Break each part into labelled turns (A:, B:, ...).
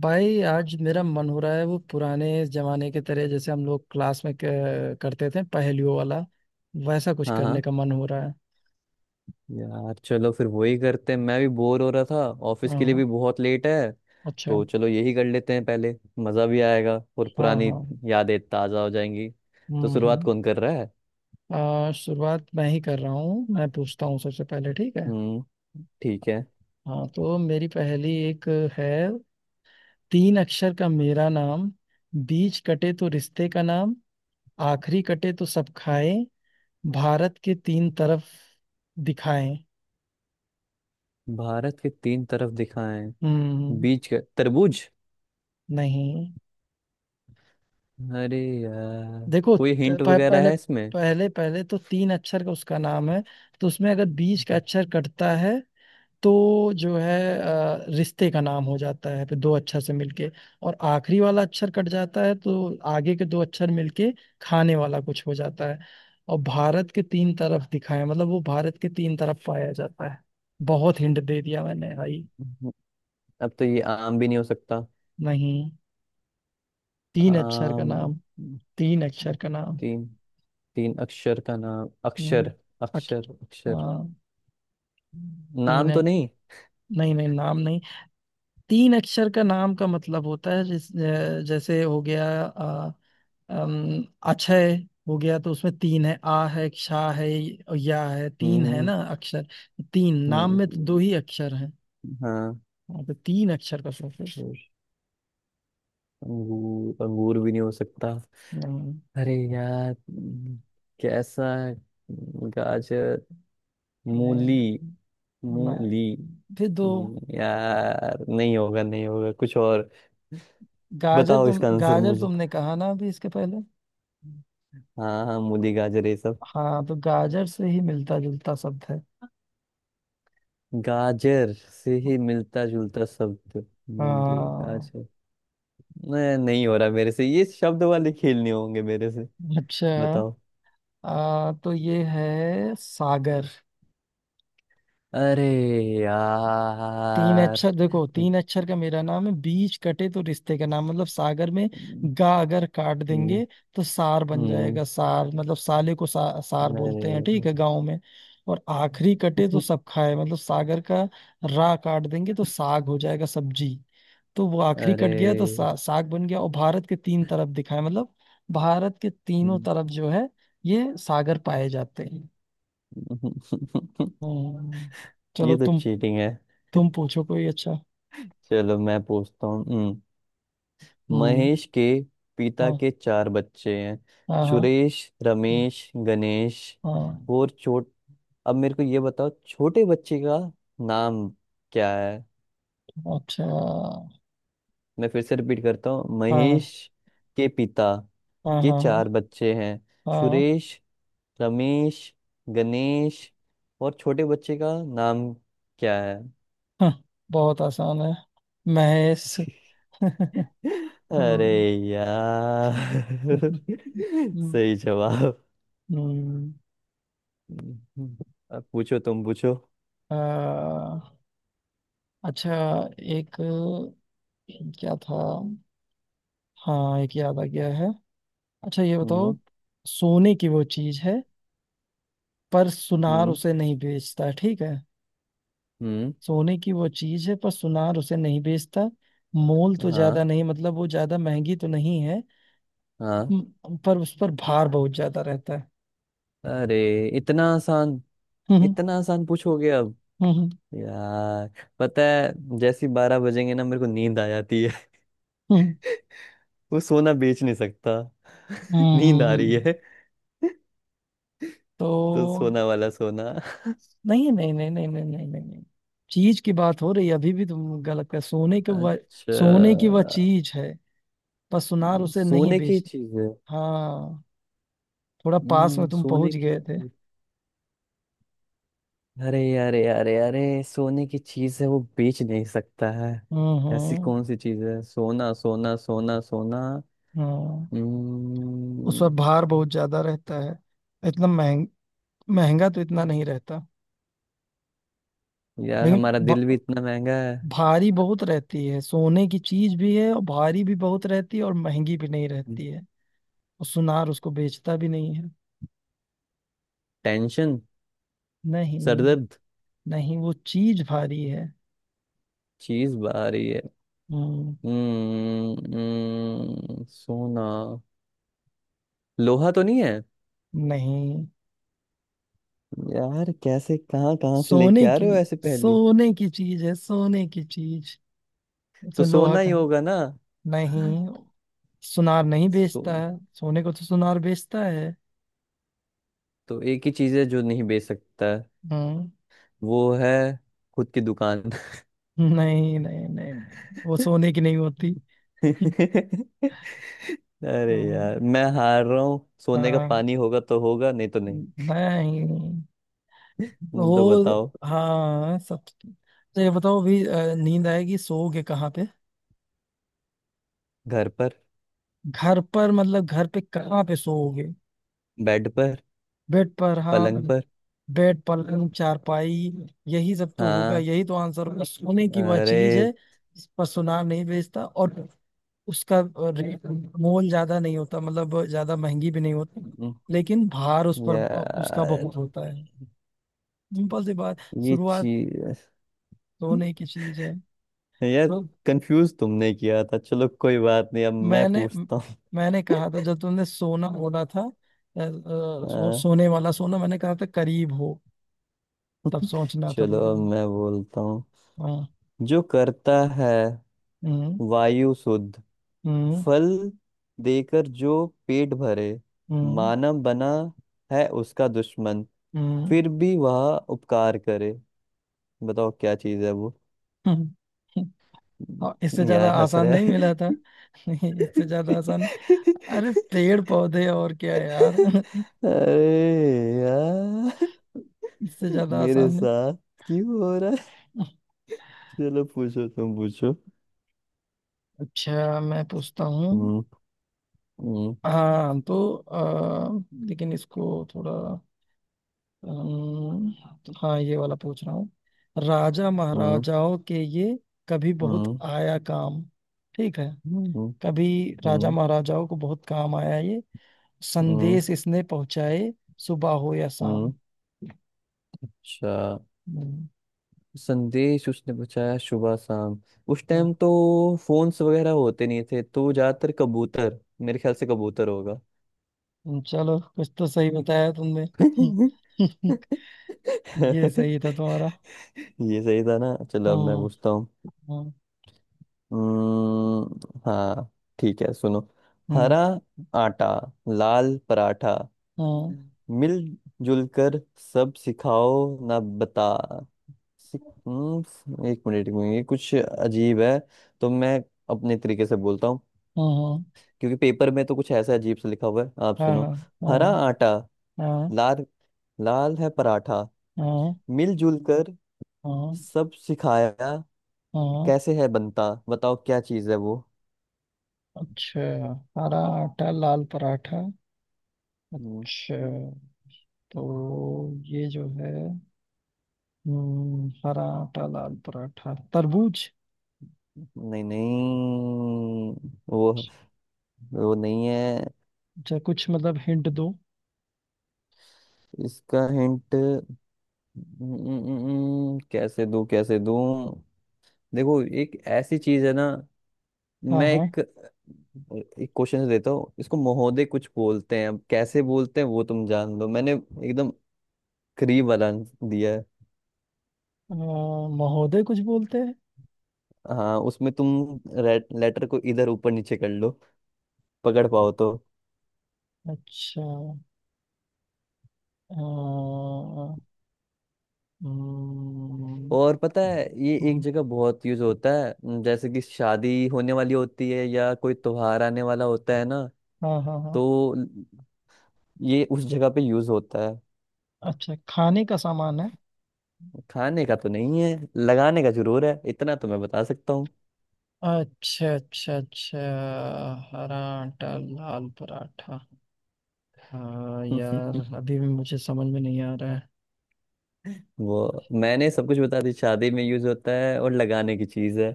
A: भाई आज मेरा मन हो रहा है वो पुराने जमाने के तरह जैसे हम लोग क्लास में करते थे पहेलियों वाला। वैसा कुछ
B: हाँ
A: करने
B: हाँ।
A: का मन हो रहा है।
B: यार चलो फिर वही करते हैं, मैं भी बोर हो रहा था। ऑफिस के लिए
A: हाँ।
B: भी बहुत लेट है।
A: अच्छा।
B: तो चलो यही कर लेते हैं पहले। मज़ा भी आएगा और
A: हाँ
B: पुरानी
A: हाँ।
B: यादें ताज़ा हो जाएंगी। तो शुरुआत
A: हम्म।
B: कौन कर रहा है?
A: शुरुआत मैं ही कर रहा हूँ। मैं पूछता हूँ सबसे पहले, ठीक है?
B: हम्म, ठीक है।
A: हाँ तो मेरी पहेली एक है। तीन अक्षर का मेरा नाम, बीच कटे तो रिश्ते का नाम, आखिरी कटे तो सब खाए, भारत के तीन तरफ दिखाए।
B: भारत के तीन तरफ दिखाएं?
A: हम्म।
B: बीच का तरबूज।
A: नहीं।
B: अरे यार,
A: देखो
B: कोई हिंट वगैरह
A: पहले,
B: है इसमें?
A: पहले तो तीन अक्षर का उसका नाम है। तो उसमें अगर बीच का अक्षर कटता है तो जो है रिश्ते का नाम हो जाता है फिर दो अक्षर से मिलके। और आखिरी वाला अक्षर कट जाता है तो आगे के दो अक्षर मिलके खाने वाला कुछ हो जाता है। और भारत के तीन तरफ दिखाए मतलब वो भारत के तीन तरफ पाया जाता है। बहुत हिंट दे दिया मैंने भाई।
B: अब तो ये आम भी नहीं हो सकता।
A: नहीं। तीन अक्षर का
B: आम।
A: नाम। तीन अक्षर का नाम।
B: तीन। तीन अक्षर का नाम।
A: हम्म,
B: अक्षर
A: अक-
B: अक्षर अक्षर।
A: हाँ तीन
B: नाम
A: है।
B: तो नहीं।
A: नहीं नहीं, नाम नहीं। तीन अक्षर का नाम का मतलब होता है जिस जैसे हो गया अम, अक्षय हो गया तो उसमें तीन है, आ है, क्षा है और या है। तीन
B: हम्म
A: है
B: हम्म,
A: ना अक्षर? तीन
B: हम्म,
A: नाम में तो दो
B: हम्म।
A: ही अक्षर हैं।
B: हाँ।
A: हाँ, तो तीन अक्षर का सफर।
B: अंगूर। अंगूर भी नहीं हो सकता।
A: नहीं।
B: अरे यार। हम्म। कैसा है? गाजर। मूली।
A: नहीं ना-
B: मूली।
A: फिर दो।
B: नहीं यार, नहीं होगा, नहीं होगा, कुछ और।
A: गाजर,
B: बताओ
A: तुम
B: इसका आंसर
A: गाजर
B: मुझे।
A: तुमने कहा ना अभी इसके पहले।
B: हाँ हाँ, मूली गाजर ये सब।
A: हाँ तो गाजर से ही मिलता जुलता शब्द है।
B: गाजर से ही मिलता जुलता शब्द। मूली
A: हाँ।
B: गाजर। नहीं, नहीं हो रहा मेरे से, ये शब्द वाले खेलने होंगे मेरे से।
A: अच्छा।
B: बताओ।
A: तो ये है सागर।
B: अरे
A: तीन
B: यार।
A: अक्षर, देखो तीन अक्षर का मेरा नाम है, बीच कटे तो रिश्ते का नाम, मतलब सागर में गा अगर काट
B: हम्म
A: देंगे तो सार बन
B: हम्म।
A: जाएगा। सार मतलब साले को सार बोलते हैं, ठीक
B: अरे
A: है, गांव में। और आखिरी कटे तो सब खाए, मतलब सागर का रा काट देंगे तो साग हो जाएगा, सब्जी। तो वो आखिरी
B: अरे।
A: कट गया तो साग बन गया। और भारत के तीन तरफ दिखाए मतलब भारत के तीनों
B: हम्म।
A: तरफ जो है ये सागर पाए जाते हैं। हम्म, चलो
B: ये तो
A: तुम।
B: चीटिंग है।
A: पूछो कोई अच्छा।
B: चलो मैं पूछता हूँ। हम्म।
A: हम्म।
B: महेश के पिता
A: हाँ
B: के चार बच्चे हैं।
A: हाँ हाँ
B: सुरेश, रमेश, गणेश
A: हाँ।
B: और छोट अब मेरे को ये बताओ, छोटे बच्चे का नाम क्या है?
A: अच्छा।
B: मैं फिर से रिपीट करता हूँ।
A: हाँ
B: महेश के पिता
A: हाँ
B: के
A: हाँ हाँ।
B: चार बच्चे हैं।
A: हाँ
B: सुरेश, रमेश, गणेश और छोटे बच्चे का नाम क्या है?
A: हाँ, बहुत आसान है, महेश।
B: अरे
A: हम्म,
B: यार।
A: हम्म,
B: सही जवाब।
A: हम्म,
B: हम्म। अब पूछो, तुम पूछो।
A: आ, अच्छा। एक क्या था हाँ, एक याद आ गया है। अच्छा ये बताओ,
B: हम्म
A: सोने की वो चीज है पर सुनार
B: हम्म
A: उसे नहीं बेचता, ठीक है?
B: हम्म।
A: सोने की वो चीज है पर सुनार उसे नहीं बेचता। मोल तो
B: हाँ।
A: ज्यादा नहीं, मतलब वो ज्यादा महंगी तो नहीं है।
B: हाँ।
A: पर उस पर भार बहुत ज्यादा रहता है।
B: अरे, इतना आसान।
A: हम्म
B: इतना आसान पूछोगे अब?
A: हम्म।
B: यार, पता है जैसे ही 12 बजेंगे ना, मेरे को नींद आ जाती।
A: हम्म। हम्म।
B: वो सोना बेच नहीं सकता।
A: हम्म,
B: नींद
A: हम्म,
B: आ रही
A: हम्म।
B: है।
A: तो
B: तो सोना वाला सोना।
A: नहीं नहीं नहीं नहीं नहीं नहीं नहीं नहीं, चीज की बात हो रही है अभी भी तुम गलत कर सोने के वह।
B: अच्छा,
A: सोने की वह चीज है, पर सुनार उसे नहीं
B: सोने की
A: बेचता।
B: चीज है।
A: हाँ, थोड़ा पास में तुम
B: सोने
A: पहुंच
B: की।
A: गए थे।
B: अरे अरे अरे अरे, सोने की चीज है, वो बेच नहीं सकता है।
A: हम्म
B: ऐसी
A: हम्म
B: कौन सी चीज है? सोना सोना सोना सोना।
A: हम्म। उस
B: हम्म।
A: पर भार बहुत ज्यादा रहता है। इतना महंग महंगा तो इतना नहीं रहता।
B: यार,
A: लेकिन
B: हमारा दिल भी
A: भ-
B: इतना महंगा है।
A: भारी बहुत रहती है। सोने की चीज भी है और भारी भी बहुत रहती है और महंगी भी नहीं रहती है और सुनार उसको बेचता भी नहीं है।
B: टेंशन।
A: नहीं।
B: सरदर्द।
A: नहीं वो चीज भारी है।
B: चीज बाहरी है।
A: हम्म,
B: सोना। लोहा तो नहीं है।
A: नहीं,
B: यार, कैसे कहाँ कहाँ से लेके
A: सोने
B: आ
A: की।
B: रहे हो ऐसे पहेली।
A: सोने की चीज है, सोने की चीज।
B: तो
A: उसमें लोहा
B: सोना
A: का
B: ही
A: है।
B: होगा ना।
A: नहीं। सुनार नहीं
B: सो
A: बेचता है। सोने को तो सुनार बेचता है।
B: तो एक ही चीज है जो नहीं बेच सकता है,
A: हम्म।
B: वो है खुद की दुकान।
A: नहीं नहीं नहीं नहीं, वो सोने की नहीं होती।
B: अरे
A: हाँ
B: यार, मैं हार रहा हूँ। सोने का
A: हाँ।
B: पानी होगा तो होगा, नहीं तो नहीं।
A: नहीं।
B: तो
A: वो
B: बताओ।
A: हाँ सब तो ये बताओ अभी नींद आएगी सोओगे कहाँ पे?
B: घर पर।
A: घर पर मतलब घर पे कहाँ पे सोओगे?
B: बेड पर।
A: बेड पर, हाँ।
B: पलंग पर।
A: बेड, पलंग, चारपाई, यही सब तो होगा,
B: हाँ।
A: यही तो आंसर होगा। सोने की वह चीज है
B: अरे
A: जिस पर सुनार नहीं बेचता और उसका रेट, मोल ज्यादा नहीं होता मतलब ज्यादा महंगी भी नहीं होती,
B: हम्म,
A: लेकिन भार उस पर, उसका
B: यार
A: बहुत होता है। सिंपल सी बात।
B: ये
A: शुरुआत।
B: चीज
A: सोने की चीज है।
B: यार, कंफ्यूज तुमने किया था, चलो कोई बात नहीं। अब मैं
A: मैंने म-
B: पूछता।
A: मैंने कहा था, जब तुमने सोना बोला था
B: हाँ।
A: सोने वाला सोना, मैंने कहा था करीब हो, तब सोचना था
B: चलो
A: तुमको।
B: अब मैं बोलता हूँ।
A: हाँ।
B: जो करता है
A: हम्म
B: वायु शुद्ध,
A: हम्म
B: फल देकर जो पेट भरे,
A: हम्म
B: मानव बना है उसका दुश्मन,
A: हम्म
B: फिर भी वह उपकार करे। बताओ क्या चीज है वो?
A: हम्म, हम्म। और इससे ज्यादा
B: यार, हंस
A: आसान
B: रहा
A: नहीं
B: है।
A: मिला था? नहीं इससे ज्यादा आसान, अरे पेड़ पौधे और क्या यार।
B: अरे यार,
A: इससे ज्यादा
B: मेरे
A: आसान नहीं।
B: साथ क्यों हो रहा है? चलो पूछो, तुम पूछो।
A: अच्छा मैं पूछता हूँ।
B: हम्म हम्म
A: हाँ तो लेकिन इसको थोड़ा अम्म, हाँ ये वाला पूछ रहा हूँ। राजा
B: हम्म
A: महाराजाओं के ये कभी बहुत
B: हम्म
A: आया काम, ठीक है?
B: हम्म।
A: कभी राजा
B: हम्म
A: महाराजाओं को बहुत काम आया ये,
B: हम्म
A: संदेश इसने पहुंचाए, सुबह हो या शाम।
B: हम्म। अच्छा।
A: हम्म,
B: संदेश उसने पूछा सुबह शाम। उस
A: हाँ,
B: टाइम तो फोन्स वगैरह होते नहीं थे, तो ज्यादातर कबूतर, मेरे ख्याल से कबूतर होगा।
A: चलो कुछ तो सही बताया तुमने। ये सही था तुम्हारा।
B: ये सही था ना? चलो अब मैं
A: हम्म
B: पूछता हूँ।
A: हम्म
B: हाँ, ठीक है, सुनो। हरा आटा, लाल पराठा,
A: हम्म हम्म
B: मिलजुल कर सब सिखाओ ना, बता। एक मिनट एक मिनट, ये कुछ अजीब है। तो मैं अपने तरीके से बोलता हूँ,
A: हम्म।
B: क्योंकि पेपर में तो कुछ ऐसा अजीब सा लिखा हुआ है। आप
A: हाँ हाँ
B: सुनो।
A: हाँ
B: हरा
A: हाँ
B: आटा, लाल लाल है पराठा,
A: हाँ हाँ
B: मिलजुल कर
A: हाँ
B: सब सिखाया,
A: हाँ।
B: कैसे है बनता? बताओ क्या चीज़ है वो?
A: अच्छा, हरा आटा लाल पराठा।
B: हम्म।
A: अच्छा, तो ये जो है, हरा आटा लाल पराठा, तरबूज।
B: नहीं नहीं, वो वो नहीं है।
A: अच्छा कुछ मतलब हिंट दो।
B: इसका हिंट। कैसे दूं, कैसे दूं। देखो, एक ऐसी चीज है ना,
A: हाँ
B: मैं
A: हाँ।
B: एक एक क्वेश्चन देता हूँ इसको। महोदय कुछ बोलते हैं, अब कैसे बोलते हैं वो तुम जान लो। मैंने एकदम करीब वाला आंसर दिया है।
A: अ, महोदय कुछ बोलते हैं।
B: हाँ, उसमें तुम लेटर को इधर ऊपर नीचे कर लो, पकड़ पाओ तो।
A: अच्छा। अ, हम्म,
B: और पता है, ये एक
A: हम्म,
B: जगह बहुत यूज होता है न, जैसे कि शादी होने वाली होती है या कोई त्योहार आने वाला होता है ना।
A: हाँ हाँ हाँ।
B: तो ल- ये उस जगह पे यूज होता है।
A: अच्छा, खाने का सामान है?
B: खाने का तो नहीं है, लगाने का जरूर है, इतना तो मैं बता सकता।
A: अच्छा अच्छा अच्छा, हरा आटा लाल पराठा। हाँ
B: हूँ।
A: यार अभी भी मुझे समझ में नहीं आ रहा है।
B: वो मैंने सब कुछ बता दी, शादी में यूज होता है और लगाने की चीज है।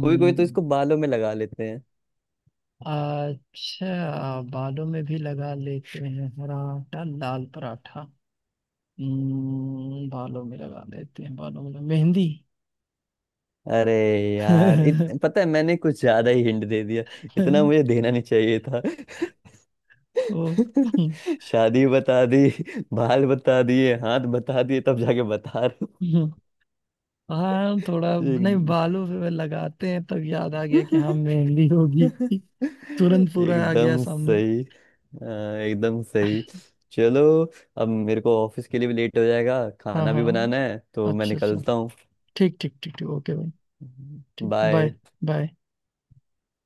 B: कोई कोई तो इसको बालों में लगा लेते हैं।
A: अच्छा बालों में भी लगा लेते हैं? हरा आटा लाल पराठा। हम्म, बालों में लगा लेते हैं, बालों में, मेहंदी।
B: अरे यार, पता है मैंने कुछ ज्यादा ही हिंट दे दिया। इतना मुझे देना नहीं चाहिए था।
A: ओ।
B: शादी बता दी, बाल बता दिए, हाथ बता दिए, तब जाके बता रहे हो।
A: हाँ थोड़ा नहीं,
B: एक।
A: बालों पे लगाते हैं तब याद आ गया कि हाँ मेहंदी होगी। तुरंत पूरा आ गया
B: एकदम
A: सामने।
B: सही। हाँ, एकदम सही। चलो, अब मेरे को ऑफिस के लिए भी लेट हो जाएगा,
A: हाँ
B: खाना भी
A: हाँ,
B: बनाना है, तो मैं
A: अच्छा अच्छा,
B: निकलता हूँ।
A: ठीक ठीक ठीक ठीक, ओके भाई। ठीक,
B: बाय।
A: बाय। बाय।